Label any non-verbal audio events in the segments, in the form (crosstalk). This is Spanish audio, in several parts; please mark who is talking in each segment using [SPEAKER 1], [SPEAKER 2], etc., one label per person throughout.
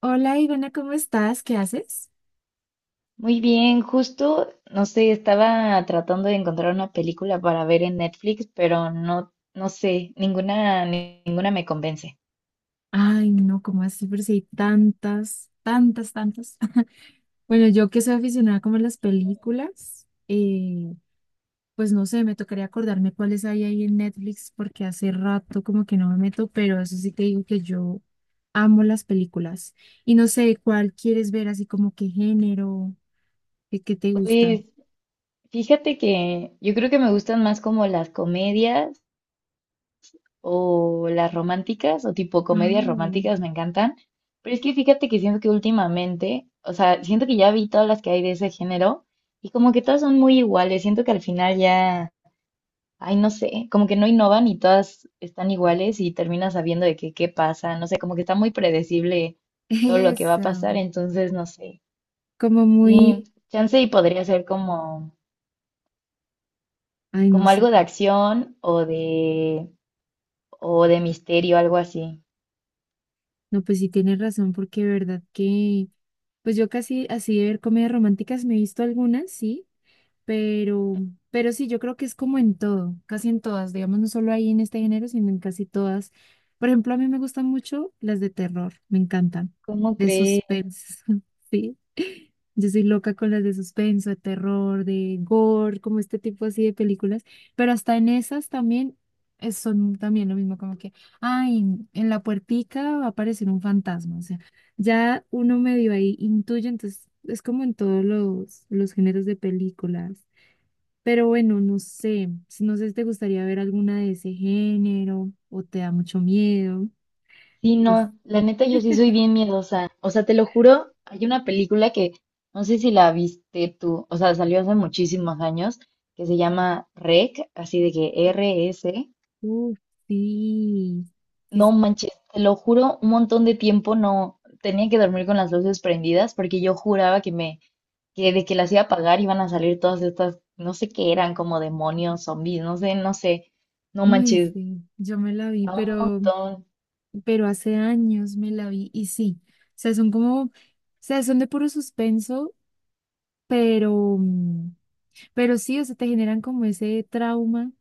[SPEAKER 1] Hola Ivana, ¿cómo estás? ¿Qué haces?
[SPEAKER 2] Muy bien, justo, no sé, estaba tratando de encontrar una película para ver en Netflix, pero no, no sé, ninguna, ninguna me convence.
[SPEAKER 1] Ay, no, ¿cómo así? Pero si hay tantas, tantas, tantas. (laughs) Bueno, yo que soy aficionada como a las películas, pues no sé, me tocaría acordarme cuáles hay ahí en Netflix porque hace rato como que no me meto, pero eso sí te digo que yo amo las películas. Y no sé, ¿cuál quieres ver así como qué género, qué te gusta?
[SPEAKER 2] Pues fíjate que yo creo que me gustan más como las comedias o las románticas o tipo comedias
[SPEAKER 1] Ah,
[SPEAKER 2] románticas me encantan, pero es que fíjate que siento que últimamente, o sea, siento que ya vi todas las que hay de ese género y como que todas son muy iguales, siento que al final ya. Ay, no sé, como que no innovan y todas están iguales y terminas sabiendo de que qué pasa, no sé, como que está muy predecible todo
[SPEAKER 1] (laughs)
[SPEAKER 2] lo que va a
[SPEAKER 1] eso,
[SPEAKER 2] pasar, entonces no sé.
[SPEAKER 1] como
[SPEAKER 2] Sí,
[SPEAKER 1] muy,
[SPEAKER 2] chance y podría ser como,
[SPEAKER 1] ay, no
[SPEAKER 2] como
[SPEAKER 1] sé.
[SPEAKER 2] algo de acción o de misterio, algo así.
[SPEAKER 1] No, pues sí tienes razón, porque de verdad que pues yo casi así de ver comedias románticas me he visto algunas, sí, pero, pero sí, yo creo que es como en todo, casi en todas, digamos, no solo ahí en este género, sino en casi todas. Por ejemplo, a mí me gustan mucho las de terror, me encantan,
[SPEAKER 2] ¿Cómo
[SPEAKER 1] de
[SPEAKER 2] crees?
[SPEAKER 1] suspense, (laughs) sí. Yo soy loca con las de suspenso, de terror, de gore, como este tipo así de películas, pero hasta en esas también son también lo mismo, como que, ay, en la puertica va a aparecer un fantasma, o sea ya uno medio ahí intuye, entonces es como en todos los géneros de películas. Pero bueno, no sé, no sé si te gustaría ver alguna de ese género o te da mucho miedo.
[SPEAKER 2] Sí, no,
[SPEAKER 1] No sé.
[SPEAKER 2] la neta yo sí soy bien miedosa. O sea, te lo juro, hay una película que no sé si la viste tú, o sea, salió hace muchísimos años, que se llama REC, así de que R-S.
[SPEAKER 1] Uf, sí, sí,
[SPEAKER 2] No
[SPEAKER 1] sí.
[SPEAKER 2] manches, te lo juro, un montón de tiempo no tenía que dormir con las luces prendidas porque yo juraba que me, que de que las iba a apagar iban a salir todas estas, no sé qué eran, como demonios, zombies, no sé, no sé. No
[SPEAKER 1] Ay,
[SPEAKER 2] manches,
[SPEAKER 1] sí, yo me la vi,
[SPEAKER 2] a un montón.
[SPEAKER 1] pero hace años me la vi y sí, o sea, son como, o sea, son de puro suspenso, pero... pero sí, o sea, te generan como ese trauma.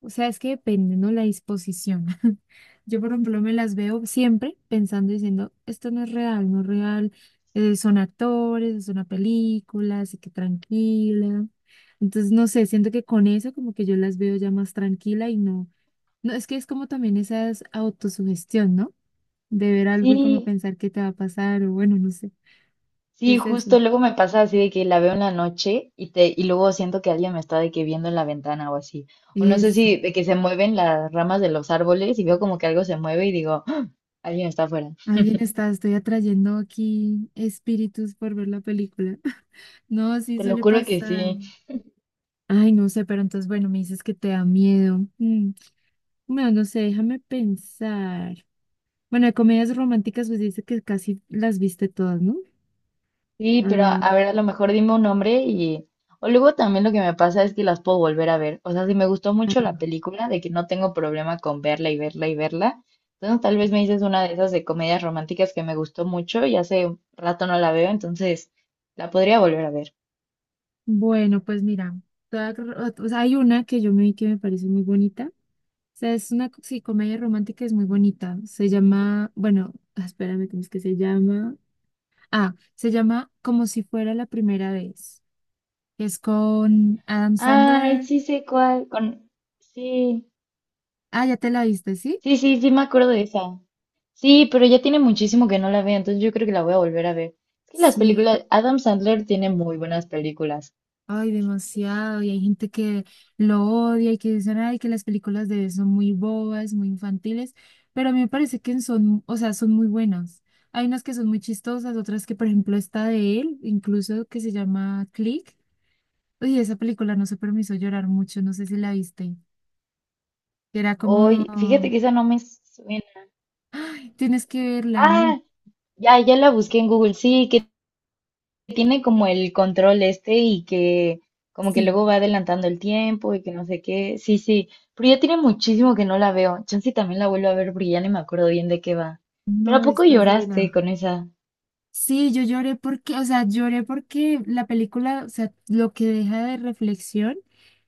[SPEAKER 1] O sea, es que depende, ¿no? La disposición. (laughs) Yo, por ejemplo, me las veo siempre pensando, diciendo, esto no es real, no es real. Son actores, es una película, así que tranquila. Entonces, no sé, siento que con eso como que yo las veo ya más tranquila y no. No, es que es como también esa es autosugestión, ¿no? De ver algo y como
[SPEAKER 2] Sí,
[SPEAKER 1] pensar qué te va a pasar o bueno, no sé.
[SPEAKER 2] sí,
[SPEAKER 1] Es eso.
[SPEAKER 2] justo luego me pasa así de que la veo en la noche y te, y luego siento que alguien me está de que viendo en la ventana o así. O no sé
[SPEAKER 1] Eso.
[SPEAKER 2] si de que se mueven las ramas de los árboles y veo como que algo se mueve y digo, "Ah, alguien está afuera.
[SPEAKER 1] Alguien está, estoy atrayendo aquí espíritus por ver la película. (laughs) No, sí
[SPEAKER 2] Te lo
[SPEAKER 1] suele
[SPEAKER 2] juro que
[SPEAKER 1] pasar.
[SPEAKER 2] sí.
[SPEAKER 1] Ay, no sé, pero entonces, bueno, me dices que te da miedo. Mm, bueno, no sé, déjame pensar. Bueno, de comedias románticas, pues dice que casi las viste todas, ¿no?
[SPEAKER 2] Sí, pero
[SPEAKER 1] Ah,
[SPEAKER 2] a ver, a lo mejor dime un nombre y... O luego también lo que me pasa es que las puedo volver a ver. O sea, si me gustó
[SPEAKER 1] ah,
[SPEAKER 2] mucho la película, de que no tengo problema con verla y verla y verla. Entonces tal vez me dices una de esas de comedias románticas que me gustó mucho y hace un rato no la veo, entonces la podría volver a ver.
[SPEAKER 1] bueno, pues mira, toda- o sea, hay una que yo me vi que me parece muy bonita. O sea, es una sí, comedia romántica, es muy bonita. Se llama, bueno, ah, espérame, ¿cómo es que se llama? Ah, se llama Como si fuera la primera vez. Es con Adam
[SPEAKER 2] Ay,
[SPEAKER 1] Sandler.
[SPEAKER 2] sí sé cuál. Con... Sí,
[SPEAKER 1] Ah, ya te la viste, ¿sí?
[SPEAKER 2] sí me acuerdo de esa. Sí, pero ya tiene muchísimo que no la veo, entonces yo creo que la voy a volver a ver. Es que las
[SPEAKER 1] Sí.
[SPEAKER 2] películas, Adam Sandler tiene muy buenas películas.
[SPEAKER 1] Ay, demasiado. Y hay gente que lo odia y que dicen, ay, que las películas de él son muy bobas, muy infantiles. Pero a mí me parece que son, o sea, son muy buenas. Hay unas que son muy chistosas, otras que, por ejemplo, esta de él, incluso que se llama Click. Oye, esa película no se permiso llorar mucho, no sé si la viste. Era como,
[SPEAKER 2] Hoy, fíjate que esa no me suena.
[SPEAKER 1] ay, tienes que verla. No.
[SPEAKER 2] Ah, ya la busqué en Google. Sí, que tiene como el control este y que como que
[SPEAKER 1] Sí,
[SPEAKER 2] luego va adelantando el tiempo y que no sé qué. Sí, sí. Pero ya tiene muchísimo que no la veo. Chance y también la vuelvo a ver, pero ya ni me acuerdo bien de qué va. ¿Pero a
[SPEAKER 1] no,
[SPEAKER 2] poco
[SPEAKER 1] estás
[SPEAKER 2] lloraste
[SPEAKER 1] divina.
[SPEAKER 2] con esa?
[SPEAKER 1] Sí, yo lloré porque, o sea, lloré porque la película, o sea, lo que deja de reflexión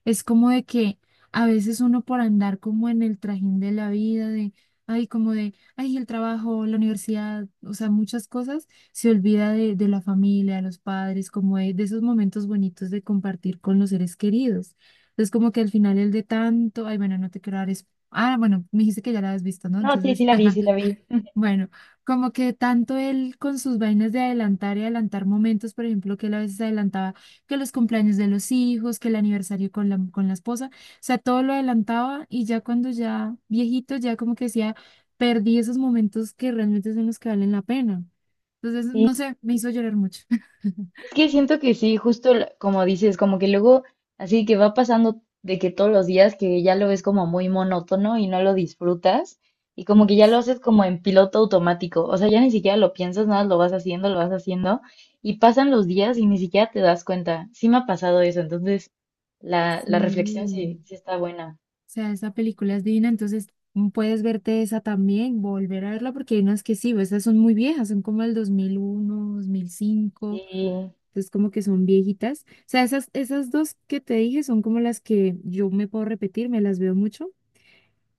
[SPEAKER 1] es como de que a veces uno por andar como en el trajín de la vida, de, ay, como de, ay, el trabajo, la universidad, o sea, muchas cosas, se olvida de la familia, de los padres, como de esos momentos bonitos de compartir con los seres queridos. Entonces, como que al final el de tanto, ay, bueno, no te quiero dar... ah, bueno, me dijiste que ya la has visto, ¿no?
[SPEAKER 2] No, sí, sí
[SPEAKER 1] Entonces...
[SPEAKER 2] la vi, sí
[SPEAKER 1] (laughs)
[SPEAKER 2] la vi. (laughs)
[SPEAKER 1] Bueno, como que tanto él con sus vainas de adelantar y adelantar momentos, por ejemplo, que él a veces adelantaba que los cumpleaños de los hijos, que el aniversario con con la esposa, o sea, todo lo adelantaba y ya cuando ya viejito, ya como que decía, perdí esos momentos que realmente son los que valen la pena. Entonces,
[SPEAKER 2] Sí,
[SPEAKER 1] no sé, me hizo llorar mucho. (laughs)
[SPEAKER 2] es que siento que sí, justo como dices, como que luego así que va pasando de que todos los días que ya lo ves como muy monótono y no lo disfrutas y como que ya lo
[SPEAKER 1] Yes.
[SPEAKER 2] haces como en piloto automático, o sea, ya ni siquiera lo piensas, nada, lo vas haciendo y pasan los días y ni siquiera te das cuenta. Sí me ha pasado eso, entonces la reflexión
[SPEAKER 1] Sí.
[SPEAKER 2] sí, sí está buena.
[SPEAKER 1] Sea, esa película es divina, entonces mm, puedes verte esa también, volver a verla, porque hay unas que sí, esas son muy viejas, son como el 2001 2005,
[SPEAKER 2] Sí,
[SPEAKER 1] entonces como que son viejitas. O sea, esas, esas dos que te dije son como las que yo me puedo repetir, me las veo mucho.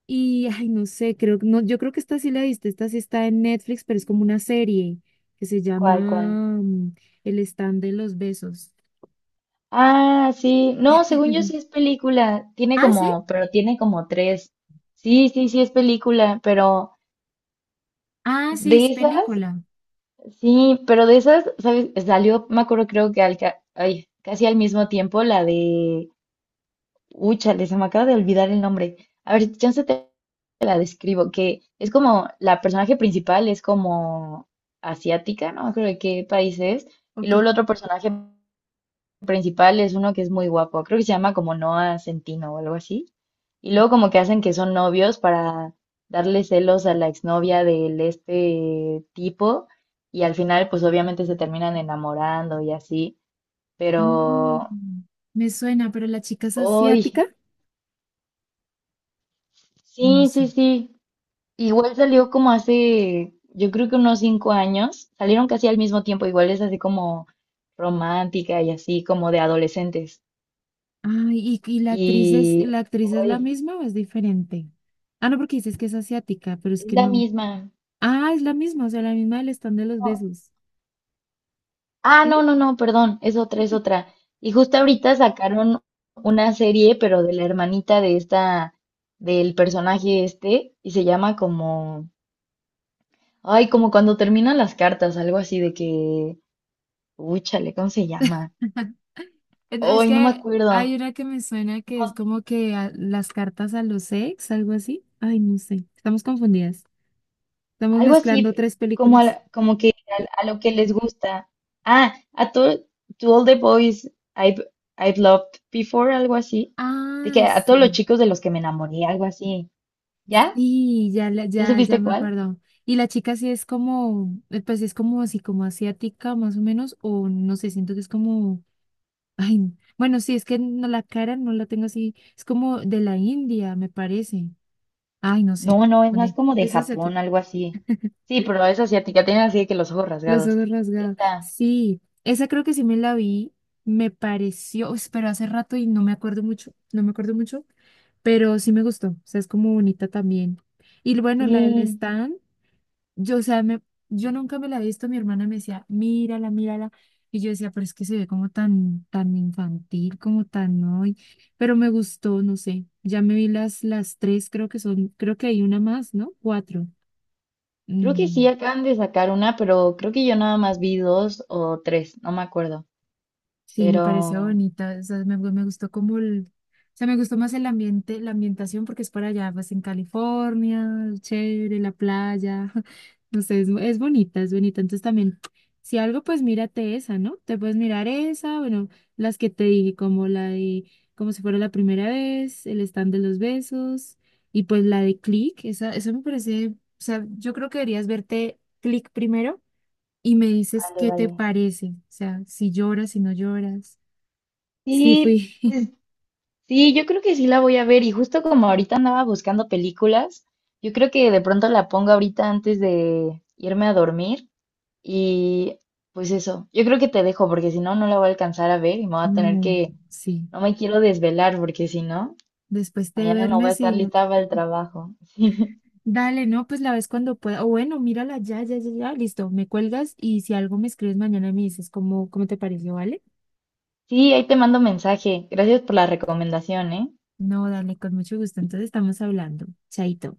[SPEAKER 1] Y, ay, no sé, creo, que no, yo creo que esta sí la viste, esta sí está en Netflix, pero es como una serie que se
[SPEAKER 2] ¿cuál, cuál?
[SPEAKER 1] llama mm, El stand de los besos.
[SPEAKER 2] Ah, sí, no, según yo sí es
[SPEAKER 1] (laughs)
[SPEAKER 2] película, tiene
[SPEAKER 1] Ah, sí,
[SPEAKER 2] como, pero tiene como tres. Sí, sí, sí es película, pero...
[SPEAKER 1] ah, sí,
[SPEAKER 2] De
[SPEAKER 1] es
[SPEAKER 2] esas,
[SPEAKER 1] película.
[SPEAKER 2] sí, pero de esas, ¿sabes? Salió, me acuerdo, creo que al, ay, casi al mismo tiempo la de. Úchale, se me acaba de olvidar el nombre. A ver, si chance te la describo, que es como la personaje principal es como asiática, no me acuerdo de qué país es, y
[SPEAKER 1] Ok.
[SPEAKER 2] luego el otro personaje principal es uno que es muy guapo, creo que se llama como Noah Centino o algo así. Y luego como que hacen que son novios para darle celos a la exnovia del este tipo y al final pues obviamente se terminan enamorando y así, pero
[SPEAKER 1] Mm, me suena, pero la chica es
[SPEAKER 2] hoy
[SPEAKER 1] asiática. No
[SPEAKER 2] sí,
[SPEAKER 1] sé.
[SPEAKER 2] sí, sí. Igual salió como hace, yo creo que unos 5 años, salieron casi al mismo tiempo, igual es así como romántica y así como de adolescentes.
[SPEAKER 1] Ay, ¿y la actriz es, la
[SPEAKER 2] Y
[SPEAKER 1] actriz es la
[SPEAKER 2] hoy
[SPEAKER 1] misma o es diferente? Ah, no, porque dices que es asiática, pero es
[SPEAKER 2] es
[SPEAKER 1] que
[SPEAKER 2] la
[SPEAKER 1] no.
[SPEAKER 2] misma.
[SPEAKER 1] Ah, es la misma, o sea, la misma del stand de los
[SPEAKER 2] No,
[SPEAKER 1] besos.
[SPEAKER 2] ah,
[SPEAKER 1] ¿Sí?
[SPEAKER 2] no, perdón, es otra, es otra. Y justo ahorita sacaron una serie, pero de la hermanita de esta, del personaje este, y se llama como, ay, como cuando terminan las cartas, algo así de que, uy, chale, ¿cómo se llama?
[SPEAKER 1] (laughs) Es es
[SPEAKER 2] Ay, no me
[SPEAKER 1] que hay
[SPEAKER 2] acuerdo.
[SPEAKER 1] una que me suena que es
[SPEAKER 2] No,
[SPEAKER 1] como que las cartas a los ex, algo así. Ay, no sé. Estamos confundidas. Estamos
[SPEAKER 2] algo
[SPEAKER 1] mezclando
[SPEAKER 2] así,
[SPEAKER 1] tres
[SPEAKER 2] como,
[SPEAKER 1] películas.
[SPEAKER 2] como que a lo que les gusta. Ah, a to, to all the boys I've, I've loved before, algo así. De que
[SPEAKER 1] Ay,
[SPEAKER 2] a todos los
[SPEAKER 1] sí.
[SPEAKER 2] chicos de los que me enamoré, algo así. ¿Ya?
[SPEAKER 1] Y ya,
[SPEAKER 2] ¿Ya
[SPEAKER 1] ya, ya
[SPEAKER 2] supiste
[SPEAKER 1] me
[SPEAKER 2] cuál?
[SPEAKER 1] acuerdo. Y la chica sí es como, pues es como así, como asiática más o menos, o no sé, siento que es como, ay, bueno, sí, es que no, la cara no la tengo así, es como de la India, me parece. Ay, no sé,
[SPEAKER 2] No, no, es más
[SPEAKER 1] dónde
[SPEAKER 2] como de
[SPEAKER 1] es
[SPEAKER 2] Japón,
[SPEAKER 1] asiática,
[SPEAKER 2] algo así. Sí, pero es asiática, tienen así de que los ojos
[SPEAKER 1] los
[SPEAKER 2] rasgados.
[SPEAKER 1] ojos rasgados.
[SPEAKER 2] Esta,
[SPEAKER 1] Sí, esa creo que sí me la vi, me pareció, uy, pero hace rato y no me acuerdo mucho, no me acuerdo mucho, pero sí me gustó, o sea, es como bonita también. Y bueno, la del
[SPEAKER 2] sí,
[SPEAKER 1] stand. Yo, o sea, me, yo nunca me la he visto, mi hermana me decía, mírala, mírala. Y yo decía, pero es que se ve como tan, tan infantil, como tan hoy. Pero me gustó, no sé. Ya me vi las, las 3, creo que son, creo que hay una más, ¿no? Cuatro.
[SPEAKER 2] creo que sí
[SPEAKER 1] Mm.
[SPEAKER 2] acaban de sacar una, pero creo que yo nada más vi dos o tres, no me acuerdo.
[SPEAKER 1] Sí, me pareció
[SPEAKER 2] Pero
[SPEAKER 1] bonita, o sea, me, me gustó como el, o sea, me gustó más el ambiente, la ambientación porque es para allá, pues en California, chévere, la playa, (laughs) no sé, es bonita, entonces también, si algo, pues mírate esa, ¿no? Te puedes mirar esa, bueno, las que te dije, como la de, como si fuera la primera vez, el stand de los besos, y pues la de Click, esa, eso me parece, o sea, yo creo que deberías verte Click primero y me dices
[SPEAKER 2] vale,
[SPEAKER 1] qué te
[SPEAKER 2] vale.
[SPEAKER 1] parece, o sea, si lloras, si no lloras, si
[SPEAKER 2] Sí,
[SPEAKER 1] fui,
[SPEAKER 2] pues sí, yo creo que sí la voy a ver. Y justo como ahorita andaba buscando películas, yo creo que de pronto la pongo ahorita antes de irme a dormir. Y pues eso, yo creo que te dejo porque si no, no la voy a alcanzar a ver y me voy a
[SPEAKER 1] (laughs)
[SPEAKER 2] tener
[SPEAKER 1] no,
[SPEAKER 2] que.
[SPEAKER 1] sí,
[SPEAKER 2] No me quiero desvelar porque si no,
[SPEAKER 1] después te
[SPEAKER 2] mañana no voy a
[SPEAKER 1] duermes
[SPEAKER 2] estar
[SPEAKER 1] y ya,
[SPEAKER 2] lista para el trabajo. (laughs)
[SPEAKER 1] dale, no, pues la ves cuando pueda, o bueno, mírala ya, ya, ya, ya, listo, me cuelgas y si algo me escribes mañana y me dices cómo, cómo te pareció, ¿vale?
[SPEAKER 2] Sí, ahí te mando mensaje. Gracias por la recomendación, ¿eh?
[SPEAKER 1] No, dale, con mucho gusto, entonces estamos hablando, chaito.